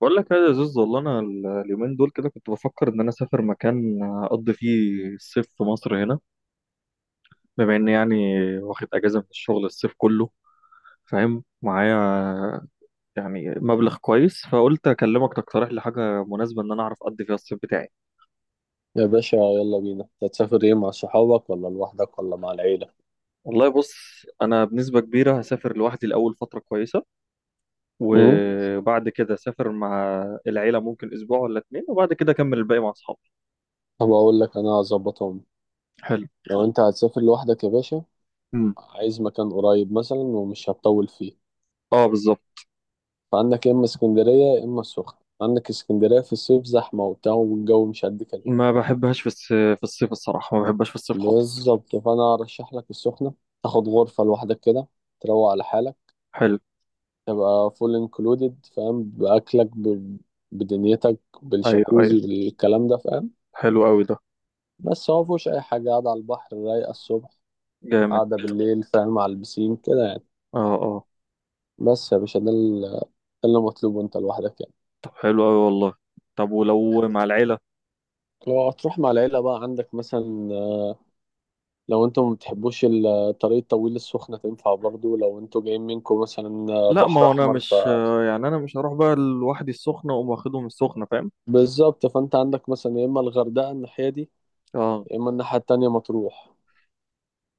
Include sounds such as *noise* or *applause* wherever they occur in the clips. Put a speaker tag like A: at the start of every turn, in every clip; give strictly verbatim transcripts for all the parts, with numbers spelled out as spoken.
A: بقول لك يا زوز، والله انا ال- اليومين دول كده كنت بفكر ان انا اسافر مكان اقضي فيه الصيف في مصر هنا، بما اني يعني واخد اجازه من الشغل الصيف كله. فاهم معايا؟ يعني مبلغ كويس، فقلت اكلمك تقترح لي حاجه مناسبه ان انا اعرف اقضي فيها الصيف بتاعي.
B: يا باشا، يلا بينا. أنت هتسافر ايه، مع صحابك ولا لوحدك ولا مع العيلة؟
A: والله بص، انا بنسبه كبيره هسافر لوحدي الاول فتره كويسه،
B: امم.
A: وبعد كده اسافر مع العيله ممكن اسبوع ولا اتنين، وبعد كده اكمل الباقي مع اصحابي.
B: طب اقول لك انا هظبطهم.
A: حلو.
B: لو انت هتسافر لوحدك يا باشا
A: مم.
B: عايز مكان قريب مثلا ومش هتطول فيه.
A: اه، بالظبط.
B: فعندك يا اما اسكندرية يا اما السخنة. عندك اسكندرية في الصيف زحمة وبتاع والجو مش قد كده.
A: ما بحبهاش في الس- في الصيف، الصراحة ما بحبهاش في الصيف خالص.
B: بالظبط، فانا ارشح لك السخنة. تاخد غرفة لوحدك كده، تروق على حالك،
A: حلو.
B: تبقى فول انكلودed، فاهم؟ باكلك ب... بدنيتك،
A: ايوه
B: بالشاكوزي،
A: ايوه.
B: بالكلام ده، فاهم؟
A: حلو قوي ده.
B: بس هو مفيهوش أي حاجة، قاعدة على البحر رايقة الصبح،
A: جامد.
B: قاعدة بالليل، فاهم، على البسين كده يعني.
A: اه اه.
B: بس يا باشا ده ال- ده اللي مطلوب، وأنت لوحدك يعني.
A: طب حلو أوي والله. طب ولو مع العيلة؟
B: لو هتروح مع العيلة بقى عندك مثلا، لو انتوا ما بتحبوش الطريق الطويل، السخنة تنفع برضو لو انتوا جايين منكم مثلا
A: لا، ما
B: بحر
A: هو أنا
B: أحمر. ف
A: مش آه، يعني أنا مش هروح بقى لوحدي السخنة وأقوم واخدهم السخنة. فاهم؟
B: بالظبط، فأنت عندك مثلا يا إما الغردقة الناحية دي
A: اه.
B: يا إما الناحية التانية مطروح.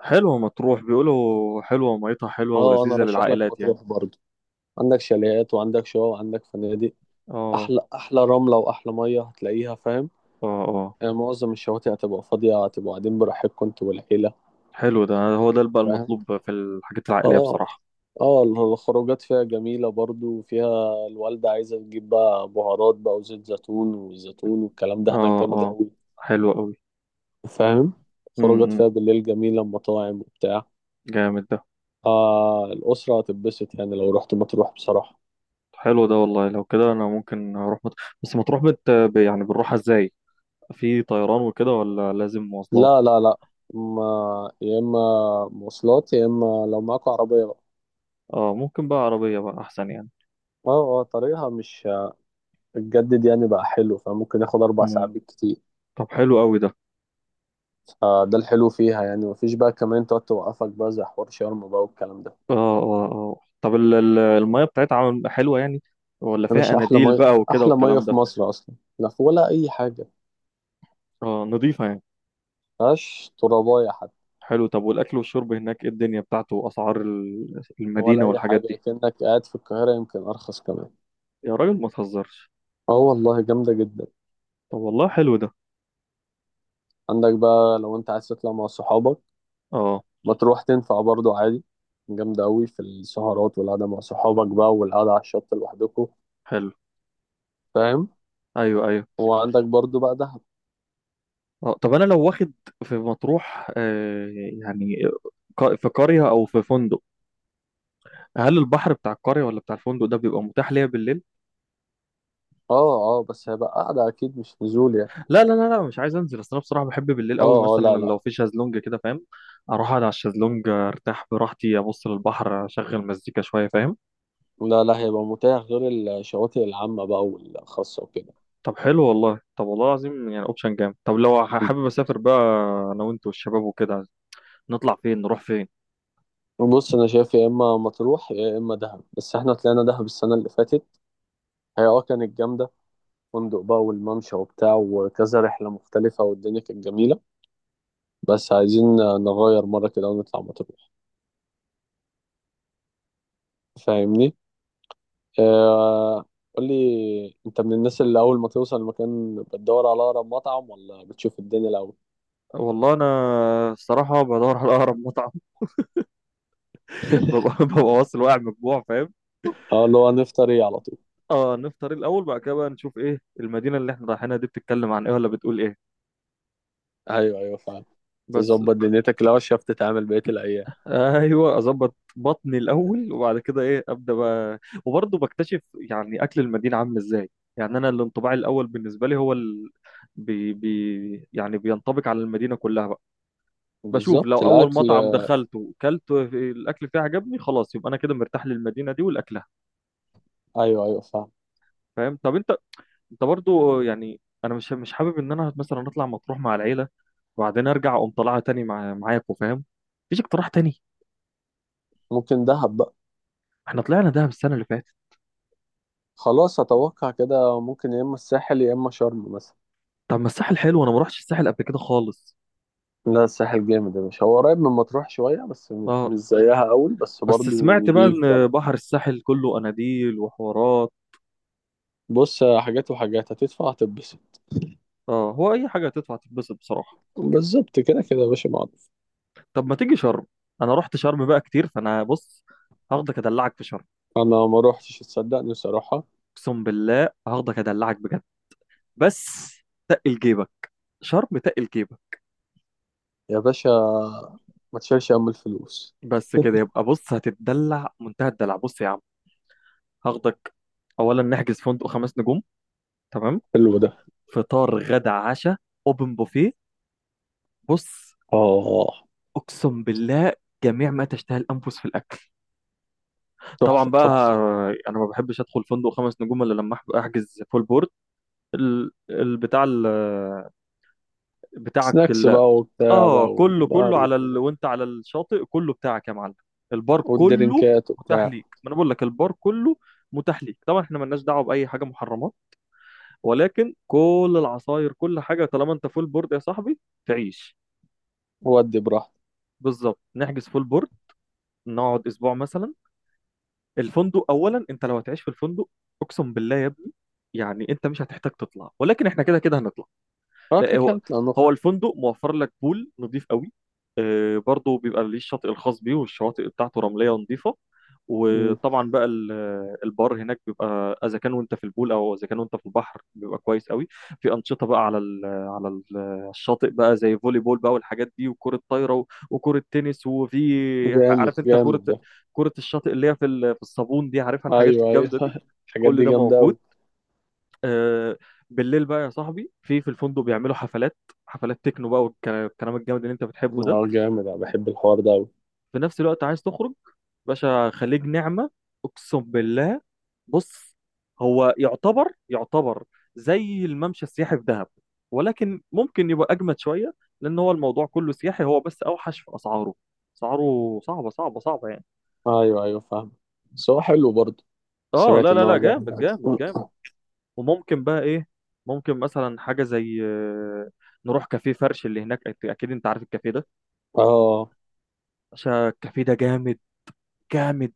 A: حلوة مطروح، بيقولوا حلوة، ميتها حلوة
B: اه، أنا
A: ولذيذة
B: رشح لك
A: للعائلات يعني.
B: مطروح برضو. عندك شاليهات وعندك شقق وعندك فنادق.
A: اه
B: أحلى أحلى رملة وأحلى مية هتلاقيها، فاهم؟
A: اه. اه.
B: آه، معظم الشواطئ هتبقى فاضية، هتبقوا قاعدين براحتكم انتوا والعيلة.
A: حلو ده، هو ده بقى
B: فاهم.
A: المطلوب في الحاجات العائلية
B: اه،
A: بصراحة.
B: اه، الخروجات فيها جميلة برضو، فيها الوالدة عايزة تجيب بقى بهارات بقى وزيت زيتون والزيتون والكلام ده هناك
A: اه
B: جامد
A: اه.
B: أوي.
A: حلو أوي.
B: فاهم. خروجات
A: امم.
B: فيها بالليل جميلة، مطاعم وبتاع.
A: جامد ده.
B: آه، الأسرة هتتبسط يعني لو رحت مطروح بصراحة.
A: حلو ده والله، لو كده انا ممكن اروح مت... بس مطروح بت... ب- يعني بنروحها ازاي؟ في طيران وكده ولا لازم مواصلات؟
B: لا لا لا. ما، يا إما مواصلات يا إما لو معاكوا عربية بقى.
A: اه، ممكن بقى عربية بقى احسن يعني.
B: اه، اه، طريقها مش هتجدد يعني بقى حلو، فممكن ياخد أربع ساعات
A: مم.
B: بالكتير.
A: طب حلو قوي ده.
B: فده الحلو فيها يعني، مفيش بقى كمان تقعد توقفك بقى زي حوار شرم بقى والكلام ده.
A: اه اه اه. طب ال- ال- المية بتاعتها عامل- حلوة يعني؟ ولا
B: يا
A: فيها
B: باشا، أحلى
A: اناديل
B: مية.
A: بقى وكده
B: أحلى مية
A: والكلام
B: في
A: ده؟
B: مصر أصلا، لا في ولا أي حاجة.
A: اه، نضيفة يعني.
B: مفيهاش تراباية حتى.
A: حلو. طب والاكل والشرب هناك، ايه الدنيا بتاعته واسعار ال-
B: ولا
A: المدينة
B: أي
A: والحاجات
B: حاجة،
A: دي؟
B: كأنك قاعد في القاهرة. يمكن أرخص كمان.
A: يا راجل، ما تهزرش!
B: اه، والله جامدة جدا.
A: طب والله حلو ده.
B: عندك بقى لو أنت عايز تطلع مع صحابك،
A: اه،
B: ما تروح تنفع برضه عادي. جامدة أوي في السهرات والقعدة مع صحابك بقى والقعدة على الشط لوحدكوا.
A: حلو.
B: فاهم.
A: ايوه ايوه.
B: وعندك برضه بقى دهب.
A: آه، طب انا لو واخد في مطروح، آه، يعني ق- في قرية او في فندق، هل البحر بتاع القرية ولا بتاع الفندق ده بيبقى متاح ليا بالليل؟
B: اه، اه، بس هيبقى قعدة أكيد مش نزول يعني.
A: لا لا لا لا، مش عايز انزل، اصل انا بصراحة بحب بالليل قوي،
B: اه، اه،
A: مثلا
B: لا لا
A: لو في شازلونج كده. فاهم؟ اروح اقعد على الشازلونج، ارتاح براحتي، ابص للبحر، اشغل مزيكا شوية. فاهم؟
B: لا. لا، هيبقى متاح غير الشواطئ العامة بقى والخاصة وكده.
A: طب حلو والله، طب والله العظيم يعني اوبشن جامد. طب لو ح- حابب اسافر بقى انا وانت والشباب وكده، نطلع فين نروح فين؟
B: بص، انا شايف يا اما مطروح يا اما دهب، بس احنا طلعنا دهب السنة اللي فاتت. هي اه كانت جامدة. فندق بقى والممشى وبتاع وكذا رحلة مختلفة والدنيا كانت جميلة. بس عايزين نغير مرة كده ونطلع مطروح، فاهمني؟ آه. قول لي، انت من الناس اللي اول ما توصل المكان بتدور على اقرب مطعم، ولا بتشوف الدنيا الاول؟
A: والله انا الصراحة بدور على اقرب مطعم. *laughs*
B: *laughs*
A: ببقى ببقى واصل واقع من الجوع. فاهم؟
B: اه، اللي هو نفطر ايه على طول.
A: اه، نفطر الاول، بعد كده بقى نشوف ايه المدينه اللي احنا رايحينها دي، بتتكلم عن ايه ولا بتقول ايه.
B: ايوه، ايوه، فعلا.
A: بس.
B: تظبط دنيتك لو عرفت تتعامل بقية الأيام.
A: ايوه، اظبط بطني الاول، وبعد كده ايه، ابدا بقى وبرضه بكتشف يعني اكل المدينه عامل ازاي. يعني انا الانطباع الاول بالنسبه لي هو ال... بي... بي... يعني بينطبق على المدينه كلها بقى. بشوف
B: بالظبط،
A: لو اول
B: الأكل.
A: مطعم دخلته كلت الاكل فيه عجبني، خلاص، يبقى انا كده مرتاح للمدينه دي ولاكلها.
B: أيوه، أيوه، فعلا.
A: فاهم؟ طب انت انت برضه يعني، انا مش مش حابب ان انا مثلا اطلع مطروح مع العيله، وبعدين ارجع اقوم طالعها تاني مع معاكم. فاهم؟ مفيش اقتراح تاني؟
B: ممكن دهب بقى.
A: احنا طلعنا دهب السنه اللي فاتت.
B: خلاص، أتوقع كده ممكن يا إما الساحل يا إما شرم مثلا.
A: طب ما الساحل حلو، انا ما رحتش الساحل قبل كده خالص.
B: لا، الساحل جامد يا باشا. هو قريب من مطروح شوية بس م-
A: اه.
B: مش زيها أوي، بس
A: بس
B: برضه
A: سمعت بقى
B: نضيف
A: ان
B: برضه.
A: بحر الساحل كله اناديل وحوارات.
B: بص، حاجات وحاجات هتدفع هتتبسط.
A: اه، هو اي حاجه هتدفع تتبسط بصراحه.
B: بالظبط، كده كده يا باشا معروف.
A: طب ما تيجي شرم؟ انا رحت شرم بقى كتير، فانا بص، هاخدك ادلعك في شرم.
B: أنا ما روحتش تصدقني صراحة.
A: اقسم بالله هاخدك ادلعك بجد. بس تقل جيبك، شرم تقل جيبك.
B: يا باشا، ما تشيلش هم الفلوس.
A: بس كده يبقى، بص هتتدلع منتهى الدلع، بص يا عم، هاخدك. اولا نحجز فندق خمس نجوم، تمام،
B: حلو ده.
A: فطار غدا عشاء، اوبن بوفيه، بص،
B: آه.
A: اقسم بالله جميع ما تشتهي الانفس في الاكل.
B: تحفة
A: طبعا بقى،
B: تحفة.
A: انا ما بحبش ادخل فندق خمس نجوم الا لما أحب- احجز فول بورد. ال- البتاع ال- بتاعك
B: سناكس
A: ال-
B: بقى وبتاع
A: اه،
B: بقى
A: كله
B: والبار
A: كله على
B: والدنيا
A: ال... وانت على الشاطئ كله بتاعك يا معلم. البار كله
B: والدرينكات
A: متاح
B: وبتاع.
A: ليك، ما انا بقول لك البار كله متاح ليك طبعا. احنا ملناش دعوه باي حاجه محرمات، ولكن كل العصاير كل حاجه طالما انت فول بورد يا صاحبي، تعيش.
B: ودي براحتك.
A: بالظبط، نحجز فول بورد، نقعد اسبوع مثلا، الفندق اولا، انت لو هتعيش في الفندق اقسم بالله يا ابني، يعني انت مش هتحتاج تطلع، ولكن احنا كده كده هنطلع.
B: اه،
A: لا
B: كده كده
A: هو،
B: نطلع نخرج.
A: هو الفندق موفر لك بول نظيف قوي. آه، برضه بيبقى ليه الشاطئ الخاص بيه والشواطئ بتاعته رملية نظيفة،
B: مم.
A: وطبعا بقى ال- البار هناك بيبقى اذا كان وانت في البول او اذا كان وانت في البحر بيبقى كويس قوي. في انشطه بقى على ال على ال الشاطئ بقى زي فولي بول بقى والحاجات دي، وكره طايره و- وكره تنس، وفي،
B: جامد
A: عارف انت،
B: جامد
A: كره
B: ده.
A: كره الشاطئ اللي هي في ال- في الصابون دي، عارفها الحاجات
B: ايوه، ايوه.
A: الجامده دي.
B: *laughs* الحاجات
A: كل
B: دي
A: ده
B: جامده
A: موجود.
B: قوي.
A: آه. بالليل بقى يا صاحبي، في في الفندق بيعملوا حفلات، حفلات تكنو بقى والكلام الجامد اللي انت بتحبه ده.
B: اه، جامد. انا بحب الحوار ده قوي.
A: في نفس الوقت عايز تخرج؟ باشا، خليج نعمة، اقسم بالله. بص، هو يعتبر يعتبر زي الممشى السياحي في دهب، ولكن ممكن يبقى اجمد شوية، لان هو الموضوع كله سياحي، هو بس اوحش في اسعاره، اسعاره صعبة صعبة صعبة يعني.
B: ايوه، ايوه، فاهم. بس هو حلو برضه.
A: اه،
B: سمعت
A: لا
B: ان
A: لا لا،
B: هو جامد
A: جامد
B: أوي.
A: جامد جامد. وممكن بقى ايه، ممكن مثلا حاجه زي آه، نروح كافيه فرش اللي هناك. أك- اكيد انت عارف الكافيه ده،
B: اه،
A: عشان الكافيه ده جامد، جامد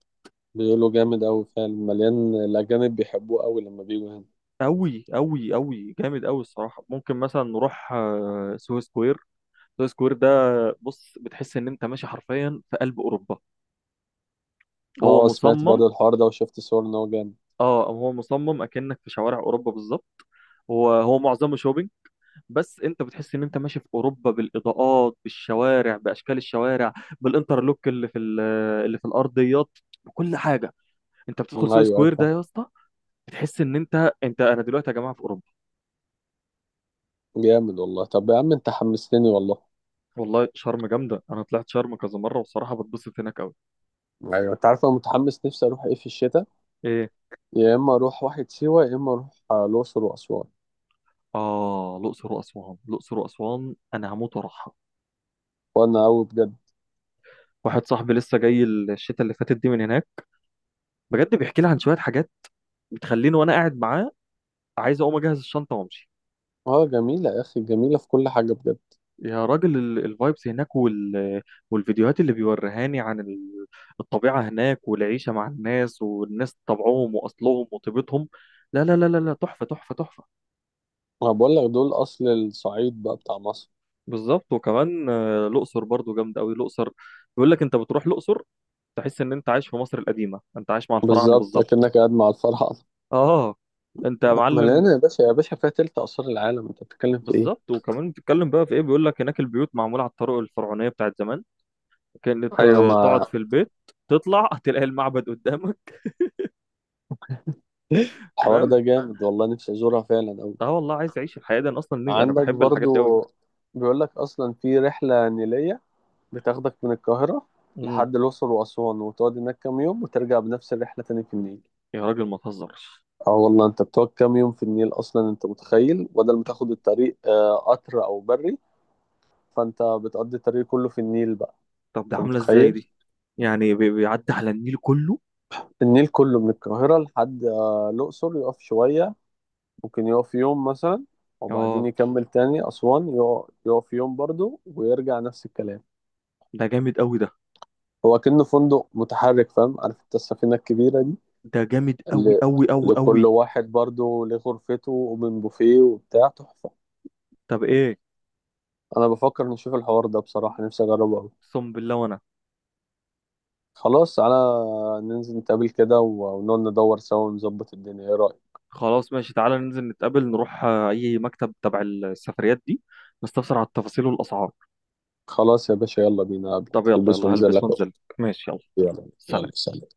B: بيقولوا جامد قوي فعلا. مليان، الاجانب بيحبوه قوي لما بيجوا هنا.
A: قوي قوي قوي، جامد قوي الصراحه. ممكن مثلا نروح آه، سوهو سكوير، سوهو سكوير ده، بص، بتحس ان انت ماشي حرفيا في قلب اوروبا. هو
B: اه، سمعت
A: مصمم،
B: برضه الحوار ده وشفت صور ان هو جامد.
A: اه هو مصمم اكنك في شوارع اوروبا بالظبط. هو، هو معظمه شوبينج، بس انت بتحس ان انت ماشي في اوروبا بالاضاءات، بالشوارع، باشكال الشوارع، بالانترلوك اللي في ال- اللي في الارضيات، بكل حاجه. انت بتدخل
B: ايوه،
A: سوق
B: ايوه،
A: سكوير ده
B: فاهم.
A: يا اسطى، بتحس ان انت، انت انا دلوقتي يا جماعه في اوروبا.
B: جامد والله. طب يا عم انت حمستني والله.
A: والله شرم جامده، انا طلعت شرم كذا مره، والصراحه بتبسط هناك قوي.
B: ايوه، انت عارف انا متحمس نفسي اروح ايه في الشتاء؟
A: ايه؟
B: يا اما اروح واحد سيوه، يا اما اروح آه، الاقصر واسوان.
A: اه، الاقصر واسوان، الاقصر واسوان انا هموت واروحها.
B: وانا قوي بجد.
A: واحد صاحبي لسه جاي الشتاء اللي فاتت دي من هناك، بجد بيحكي لي عن شويه حاجات بتخليني وانا قاعد معاه عايز اقوم اجهز الشنطه وامشي.
B: اه، جميله يا اخي، جميله في كل حاجه بجد.
A: يا راجل، الفايبس هناك وال... والفيديوهات اللي بيوريهاني عن ال- الطبيعة هناك، والعيشة مع الناس، والناس طبعهم وأصلهم وطيبتهم. لا لا لا لا لا، تحفة تحفة تحفة.
B: ما بقول لك دول اصل الصعيد بقى بتاع مصر.
A: بالظبط، وكمان آه، الأقصر برضو جامدة أوي الأقصر. بيقول لك أنت بتروح الأقصر، تحس إن أنت عايش في مصر القديمة، أنت عايش مع الفراعنة
B: بالظبط،
A: بالظبط.
B: اكنك قاعد مع الفراعنه.
A: آه. أنت يا
B: *laughs*
A: معلم.
B: مليانه يا باشا. يا باشا، فيها تلت اثار العالم، انت بتتكلم في ايه؟
A: بالظبط، وكمان بتتكلم بقى في إيه، بيقول لك هناك البيوت معمولة على الطرق الفرعونية بتاعت زمان، كأنك
B: ايوه،
A: ت-
B: ما
A: تقعد في البيت تطلع هتلاقي المعبد قدامك.
B: الحوار
A: فاهم؟
B: ده جامد والله. نفسي ازورها فعلا قوي.
A: اه، والله عايز اعيش الحياه دي، انا اصلا نفسي- انا
B: عندك
A: بحب الحاجات دي قوي.
B: برضو، بيقول لك اصلا في رحله نيليه بتاخدك من القاهرة
A: امم.
B: لحد الأقصر وأسوان، وتقعد هناك كام يوم وترجع بنفس الرحلة تاني في النيل.
A: يا راجل، ما تهزرش!
B: اه، والله انت بتقعد كام يوم في النيل أصلا، انت متخيل؟ بدل ما تاخد الطريق آه، قطر أو بري، فانت بتقضي الطريق كله في النيل بقى.
A: طب ده
B: انت
A: عامله ازاي
B: متخيل.
A: دي؟ يعني بي- بيعدي على النيل كله؟
B: النيل كله من القاهرة لحد آه، الأقصر، يقف شوية، ممكن يقف يوم مثلا، وبعدين
A: اه.
B: يكمل تاني أسوان، يقف يقف يوم برضه ويرجع نفس الكلام.
A: ده جامد قوي ده.
B: هو كأنه فندق متحرك، فاهم؟ عارف انت السفينة الكبيرة دي؟
A: ده جامد قوي
B: ل...
A: قوي قوي
B: لكل
A: قوي.
B: واحد برضو ليه غرفته ومن بوفيه وبتاع، تحفة.
A: طب ايه؟
B: أنا بفكر نشوف الحوار ده بصراحة، نفسي أجربه أوي.
A: اقسم بالله وانا.
B: خلاص تعالى ننزل نتقابل كده و- ونقعد ندور سوا ونظبط الدنيا، إيه رأيك؟
A: خلاص ماشي، تعالى ننزل نتقابل، نروح آه، اي مكتب تبع السفريات دي، نستفسر على التفاصيل والاسعار.
B: خلاص يا باشا، يلا بينا. قبلك
A: طب يلا
B: هلبس
A: يلا،
B: وانزل
A: هلبس
B: لك أهو.
A: وانزل. ماشي يلا يلا.
B: يلا
A: سلام.
B: يلا، سلام.